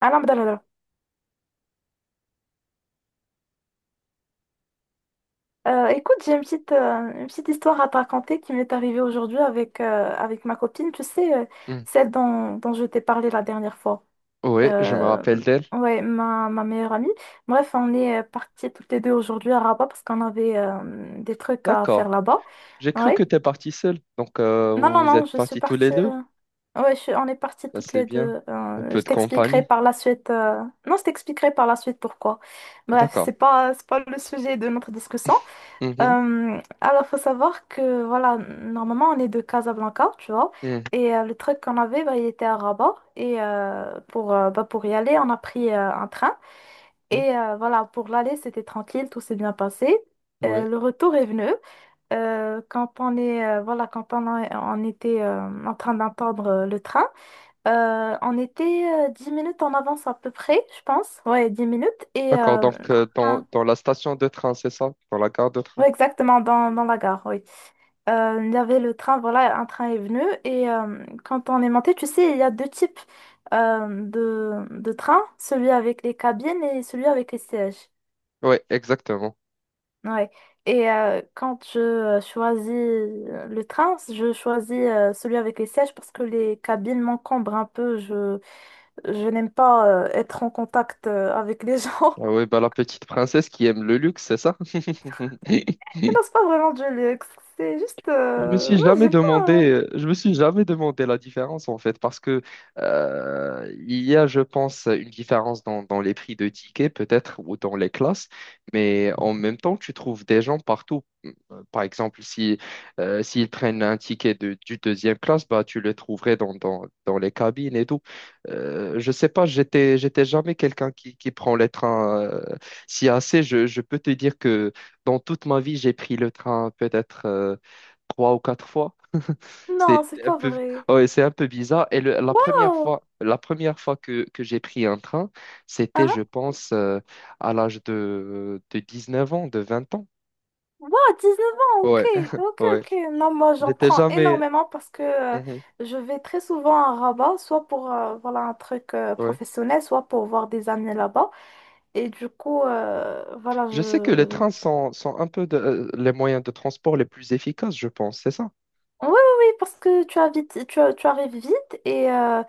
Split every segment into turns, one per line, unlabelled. Alain Abdallah. Écoute, j'ai une petite histoire à te raconter qui m'est arrivée aujourd'hui avec, avec ma copine, tu sais,
Hmm.
celle dont je t'ai parlé la dernière fois.
Oui, je me
Euh,
rappelle d'elle.
ouais, ma meilleure amie. Bref, on est parties toutes les deux aujourd'hui à Rabat parce qu'on avait des trucs à
D'accord.
faire là-bas.
J'ai cru que
Ouais.
t'es parti seul. Donc,
Non, non,
vous
non,
êtes
je suis
partis tous les
partie.
deux.
Ouais, on est parties
Ça,
toutes
c'est
les
bien.
deux.
Un peu
Je
de
t'expliquerai
compagnie.
par la suite. Non, je t'expliquerai par la suite pourquoi. Bref,
D'accord.
c'est pas le sujet de notre discussion.
Mhm.
Alors, faut savoir que, voilà, normalement, on est de Casablanca, tu vois,
Mhm.
et le truc qu'on avait, bah, il était à Rabat, et bah, pour y aller, on a pris un train, et voilà, pour l'aller, c'était tranquille, tout s'est bien passé.
Oui.
Le retour est venu. Quand on était en train d'attendre le train, on était 10 minutes en avance à peu près, je pense, ouais, 10 minutes, et...
D'accord.
euh, un
Donc,
train-
dans, dans la station de train, c'est ça? Dans la gare de train.
ouais, exactement, dans, dans la gare, oui. Il y avait le train, voilà, un train est venu. Et quand on est monté, tu sais, il y a deux types de trains, celui avec les cabines et celui avec les sièges.
Oui, exactement.
Ouais. Et quand je choisis le train, je choisis celui avec les sièges parce que les cabines m'encombrent un peu. Je n'aime pas être en contact avec les gens.
Ah oui, bah, la petite princesse qui aime le luxe, c'est ça?
Mais non, c'est pas vraiment du luxe.
Je me suis
Ouais,
jamais
j'ai pas...
demandé, je me suis jamais demandé la différence en fait, parce que il y a, je pense, une différence dans, dans les prix de tickets peut-être ou dans les classes, mais en même temps, tu trouves des gens partout. Par exemple, si s'ils prennent un ticket de, du deuxième classe, bah tu le trouverais dans, dans les cabines et tout. Je sais pas, j'étais jamais quelqu'un qui prend les trains si assez. Je peux te dire que dans toute ma vie, j'ai pris le train peut-être, trois ou quatre fois.
Non,
C'est
c'est
un
pas
peu,
vrai.
ouais, c'est un peu bizarre. Et
Waouh!
la première fois que j'ai pris un train, c'était, je pense, à l'âge de 19 ans, de 20 ans.
Wow, neuf ans, ok,
Ouais,
ok,
ouais.
ok. Non, moi j'en
J'étais
prends
jamais.
énormément parce que
Mhm,
je vais très souvent à Rabat, soit pour voilà, un truc
ouais.
professionnel, soit pour voir des amis là-bas. Et du coup, voilà.
Je sais que les trains sont, sont un peu les moyens de transport les plus efficaces, je pense, c'est ça?
Oui, oui, oui, parce que tu as vite, tu, as- tu arrives vite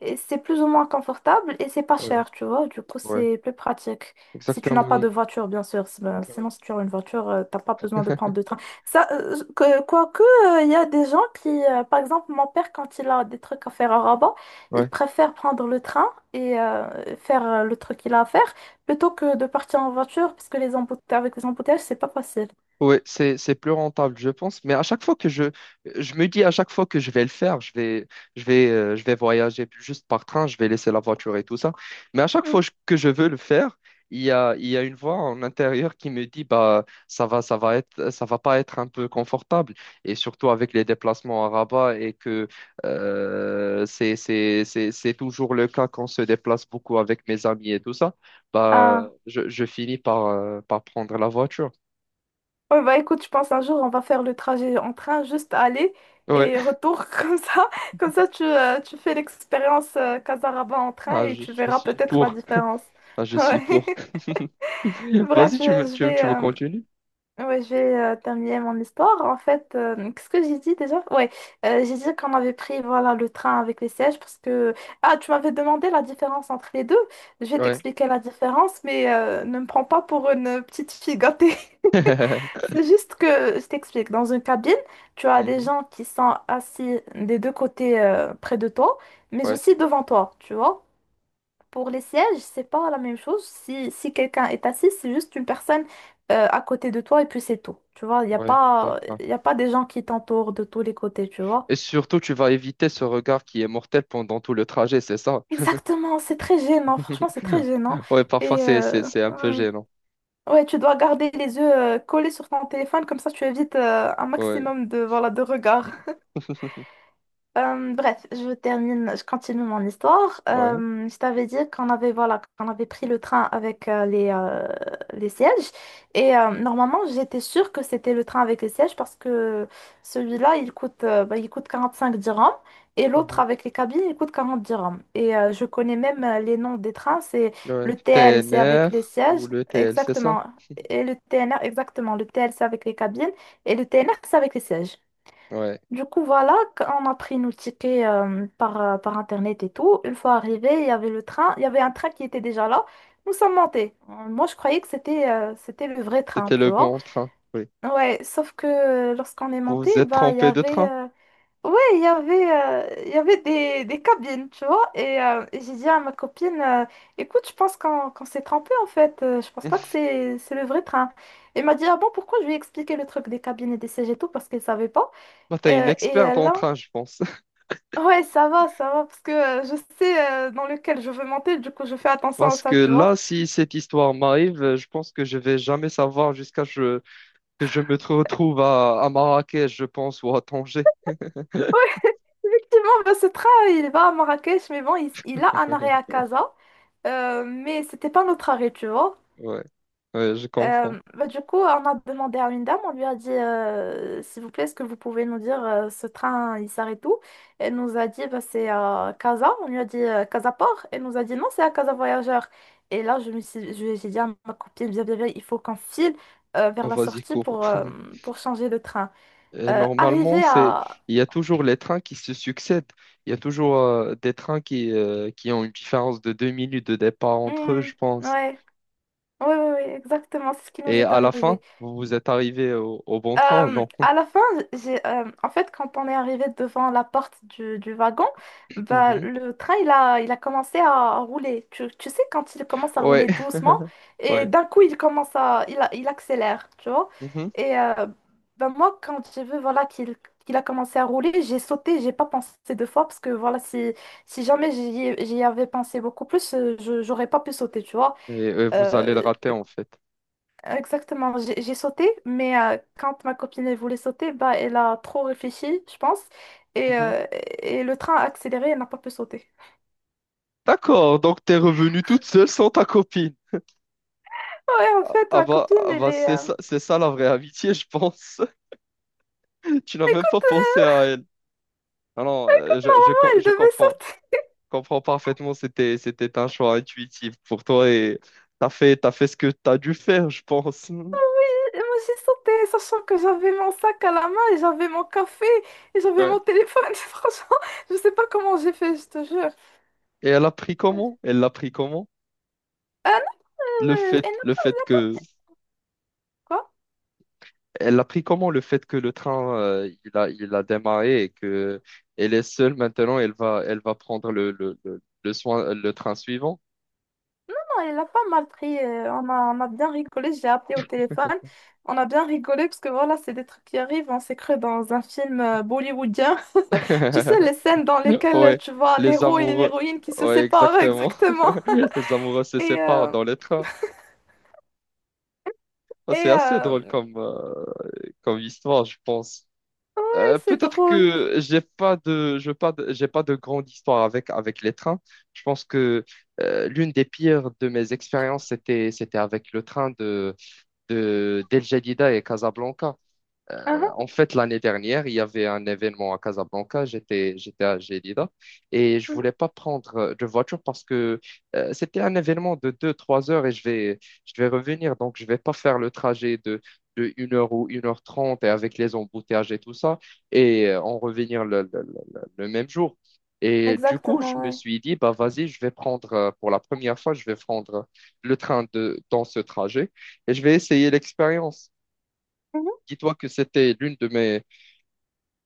et c'est plus ou moins confortable et c'est pas
Ouais,
cher, tu vois. Du coup,
ouais,
c'est plus pratique. Si tu n'as
exactement.
pas de
Ouais.
voiture, bien sûr. Sinon, si tu as une voiture, t'as pas besoin de prendre de train. Ça, que, quoique, il y a des gens qui, par exemple, mon père, quand il a des trucs à faire à Rabat, il
Ouais.
préfère prendre le train et faire le truc qu'il a à faire plutôt que de partir en voiture parce que avec les embouteillages, c'est pas facile.
Ouais, c'est plus rentable, je pense. Mais à chaque fois que je me dis, à chaque fois que je vais le faire, je vais voyager juste par train, je vais laisser la voiture et tout ça. Mais à chaque fois que je veux le faire, il y a une voix en intérieur qui me dit, bah, ça va être, ça va pas être un peu confortable. Et surtout avec les déplacements à Rabat et que, c'est toujours le cas quand on se déplace beaucoup avec mes amis et tout ça, bah,
Mm.
je finis par, par prendre la voiture.
Ouais, bah écoute, je pense un jour on va faire le trajet en train, juste aller
Ouais.
et retour comme ça. Comme ça, tu fais l'expérience Casaraba en train
Ah,
et tu
je
verras
suis
peut-être la
pour.
différence.
Ah, je suis
Ouais.
pour. Vas-y,
Bref,
tu veux continuer?
je vais terminer mon histoire. En fait, qu'est-ce que j'ai dit déjà? Ouais, j'ai dit qu'on avait pris voilà, le train avec les sièges parce que... Ah, tu m'avais demandé la différence entre les deux. Je vais
Ouais.
t'expliquer la différence, mais ne me prends pas pour une petite fille gâtée. C'est juste que, je t'explique, dans une cabine, tu as des
Mhm.
gens qui sont assis des deux côtés près de toi, mais
Ouais,
aussi devant toi, tu vois. Pour les sièges, c'est pas la même chose. Si, si quelqu'un est assis, c'est juste une personne à côté de toi et puis c'est tout. Tu vois,
ouais, d'accord.
il y a pas des gens qui t'entourent de tous les côtés, tu vois.
Et surtout, tu vas éviter ce regard qui est mortel pendant tout le trajet, c'est ça?
Exactement, c'est très gênant, franchement, c'est très gênant.
Ouais, parfois,
Et euh,
c'est un peu
ouais.
gênant.
Ouais, tu dois garder les yeux collés sur ton téléphone, comme ça tu évites un
Ouais.
maximum de, voilà, de regards. Bref, je termine, je continue mon histoire.
Ouais.
Je t'avais dit qu'on avait, voilà, qu'on avait pris le train avec les sièges. Et normalement, j'étais sûre que c'était le train avec les sièges parce que celui-là, il coûte 45 dirhams et l'autre
Mhm.
avec les cabines, il coûte 40 dirhams. Et je connais même les noms des trains. C'est
Ouais.
le TL, c'est avec les
TNR ou
sièges,
le TL, c'est ça?
exactement. Et le TNR, exactement. Le TL, c'est avec les cabines et le TNR, c'est avec les sièges.
Ouais.
Du coup, voilà, on a pris nos tickets par Internet et tout. Une fois arrivé, il y avait le train, il y avait un train qui était déjà là. Nous sommes montés. Moi, je croyais que c'était le vrai train,
C'était
tu
le
vois.
bon train. Oui.
Ouais, sauf que lorsqu'on est
Vous
monté,
vous êtes trompé de train?
il y avait des cabines, tu vois. Et j'ai dit à ma copine, écoute, je pense qu'on s'est trompé en fait. Je pense pas que c'est le vrai train. Et elle m'a dit, ah bon, pourquoi? Je lui ai expliqué le truc des cabines et des sièges et tout parce qu'elle savait pas.
Bah, t'es une
Euh, et
experte
euh,
en
là,
train, je pense.
Ouais, ça va, parce que je sais dans lequel je veux monter, du coup je fais attention à
Parce que
ça, tu vois.
là, si cette histoire m'arrive, je pense que je vais jamais savoir jusqu'à ce que je me retrouve à Marrakech, je pense, ou à Tanger.
Effectivement, bah, ce train, il va à Marrakech, mais bon, il a un arrêt à Casa, mais c'était pas notre arrêt, tu vois.
Ouais, ouais, je comprends.
Bah, du coup, on a demandé à une dame, on lui a dit s'il vous plaît, est-ce que vous pouvez nous dire ce train il s'arrête où? Elle nous a dit bah, c'est à Casa, on lui a dit Casa Port, elle nous a dit non, c'est à Casa Voyageur. Et là, je me suis, je- j'ai dit à ma copine, bien, bien, bien, il faut qu'on file
Oh,
vers la
vas-y,
sortie
cours.
pour changer de train.
Et normalement,
Arrivé à.
il y a toujours les trains qui se succèdent. Il y a toujours des trains qui ont une différence de deux minutes de départ entre eux,
Hmm,
je pense.
ouais, ouais, exactement, c'est ce qui nous
Et
est
à la
arrivé.
fin, vous vous êtes arrivé au, au bon train ou non?
À la fin, en fait, quand on est arrivé devant la porte du wagon, bah,
Mhm.
le train, il a commencé à rouler. Tu sais, quand il commence à
Ouais,
rouler doucement, et
ouais.
d'un coup, il commence à, il, a- il accélère, tu vois.
Mhm.
Et euh, Bah, moi, quand j'ai vu, voilà, qu'il a commencé à rouler, j'ai sauté, j'ai pas pensé deux fois, parce que, voilà, si, si jamais j'y avais pensé beaucoup plus, j'aurais pas pu sauter, tu vois.
Et vous allez le
Euh,
rater, en fait.
Exactement, j'ai sauté, mais quand ma copine elle voulait sauter, bah, elle a trop réfléchi, je pense, et,
Mhm.
euh, et le train a accéléré, elle n'a pas pu sauter.
D'accord, donc t'es revenue toute seule sans ta copine.
Ouais, en fait, ma copine,
Ah
elle
bah
est...
c'est ça la vraie amitié, je pense. Tu n'as même pas
Écoute,
pensé à elle. Non, non,
moi, elle
je
devait
comprends.
sauter,
Comprends parfaitement, c'était, c'était un choix intuitif pour toi et t'as fait ce que t'as dû faire, je pense.
et moi j'ai sauté, sachant que j'avais mon sac à la main, et j'avais mon café, et j'avais
Ouais.
mon téléphone, franchement, je sais pas comment j'ai fait, je te jure.
Et elle a pris comment? Elle l'a pris comment?
Ah non, elle n'a
Le
pas...
fait que...
Quoi?
Elle a pris comment le fait que le train, il a démarré et que elle est seule maintenant, elle va prendre le soin, le train suivant.
Il a pas mal pris. On a, on a bien rigolé. J'ai appelé au téléphone. On a bien rigolé parce que voilà, c'est des trucs qui arrivent. On s'est cru dans un film bollywoodien. Tu sais, les scènes dans lesquelles
Ouais,
tu vois
les
l'héros et
amoureux,
l'héroïne qui se
ouais,
séparent
exactement.
exactement.
Les amoureux se
Et,
séparent
euh,
dans les trains. Ça,
et
c'est assez drôle
euh,
comme, comme histoire, je pense.
ouais, c'est
Peut-être
drôle.
que j'ai pas de, j'ai pas de grande histoire avec, avec les trains. Je pense que l'une des pires de mes expériences, c'était, c'était avec le train de, d'El Jadida et Casablanca.
Mhm,
En fait, l'année dernière, il y avait un événement à Casablanca. J'étais, j'étais à Gelida et je
mhm.
voulais pas prendre de voiture parce que c'était un événement de deux-trois heures et je vais revenir. Donc, je vais pas faire le trajet de 1 heure ou 1 h 30, et avec les embouteillages et tout ça et en revenir le même jour. Et du coup,
Exactement,
je me
ouais.
suis dit, bah vas-y, je vais prendre, pour la première fois, je vais prendre le train de, dans ce trajet et je vais essayer l'expérience.
Mhm.
Dis-toi que c'était l'une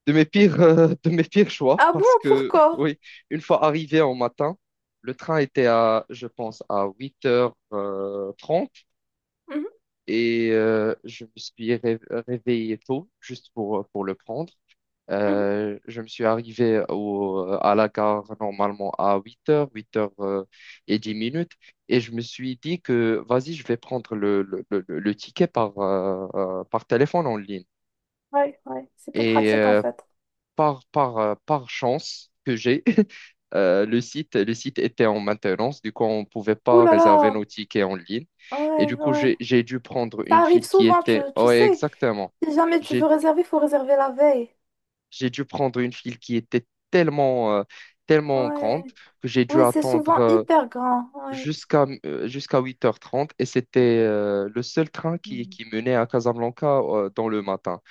de mes pires choix
Ah bon,
parce que,
pourquoi?
oui, une fois arrivé en matin, le train était à, je pense, à 8 heures trente
Mhm,
et je me suis réveillé tôt juste pour le prendre.
mhm.
Je me suis arrivé au, à la gare normalement à huit heures et 10 minutes et je me suis dit que, vas-y, je vais prendre le ticket par, par téléphone en ligne.
Ouais, ouais, c'est plus
Et
pratique en fait.
par chance que j'ai, le site était en maintenance, du coup, on ne pouvait
Ouh
pas
là
réserver nos
là,
tickets en ligne. Et du
ouais,
coup,
ouais.
j'ai dû prendre
Ça
une
arrive
file qui
souvent, tu,
était...
tu
Ouais,
sais.
exactement.
Si jamais tu veux
J'ai,
réserver, il faut réserver la veille.
j'ai dû prendre une file qui était tellement, tellement
Ouais.
grande que j'ai dû
Ouais, c'est
attendre
souvent
euh,
hyper grand. Ouais.
jusqu'à euh, jusqu'à 8 h 30 et c'était le seul train
Mhm.
qui menait à Casablanca dans le matin.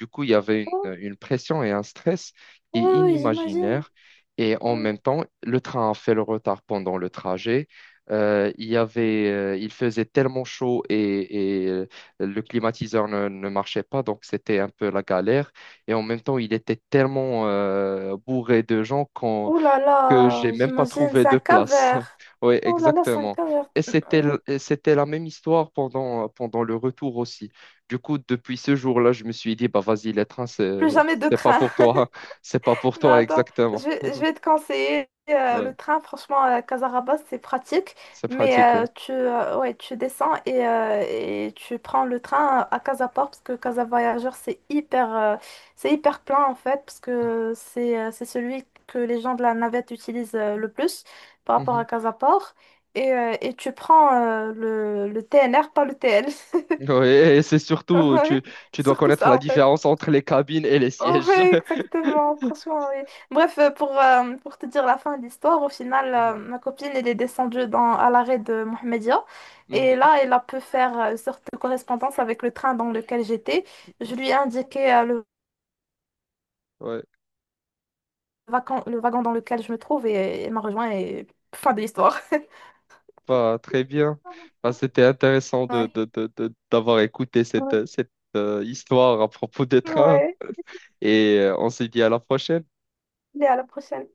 Du coup, il y avait
Oh,
une pression et un stress qui est
oui, oui, j'imagine.
inimaginaire. Et en
Ouais.
même temps, le train a fait le retard pendant le trajet. Il faisait tellement chaud et, le climatiseur ne marchait pas, donc c'était un peu la galère. Et en même temps, il était tellement bourré de gens qu'on
Oh là
que j'ai
là,
même pas
j'imagine,
trouvé
c'est
de
un
place.
calvaire.
Oui,
Oh là là, c'est un
exactement.
calvaire.
Et c'était, et c'était la même histoire pendant, pendant le retour aussi. Du coup, depuis ce jour-là, je me suis dit, bah vas-y, les trains,
Plus jamais de
c'est pas
train.
pour toi. C'est pas pour
Non,
toi,
attends,
exactement.
je vais te conseiller
Ouais,
le train, franchement, à Casarabas, c'est pratique,
c'est
mais
pratique, oui.
ouais, tu descends et tu prends le train à Casaport, parce que Casa Voyageur, c'est hyper plein en fait, parce que c'est celui que les gens de la navette utilisent le plus par rapport à
Mhm.
Casaport. Et tu prends le TNR, pas le TL.
Ouais, et c'est surtout,
Ouais,
tu dois
surtout
connaître
ça
la
en fait.
différence entre les cabines et les sièges.
Ouais, exactement, franchement, oui. Bref, pour te dire la fin de l'histoire, au final,
Mhm.
ma copine, elle est descendue à l'arrêt de Mohamedia. Et
Mhm.
là, elle a pu faire une sorte de correspondance avec le train dans lequel j'étais. Je lui ai indiqué
Ouais,
le wagon dans lequel je me trouve et elle m'a rejoint et fin de l'histoire.
bah, très bien. Bah, c'était intéressant
Ouais.
d'avoir écouté
Ouais.
cette, cette histoire à propos des trains.
Ouais.
Et on se dit à la prochaine.
Allez, à la prochaine.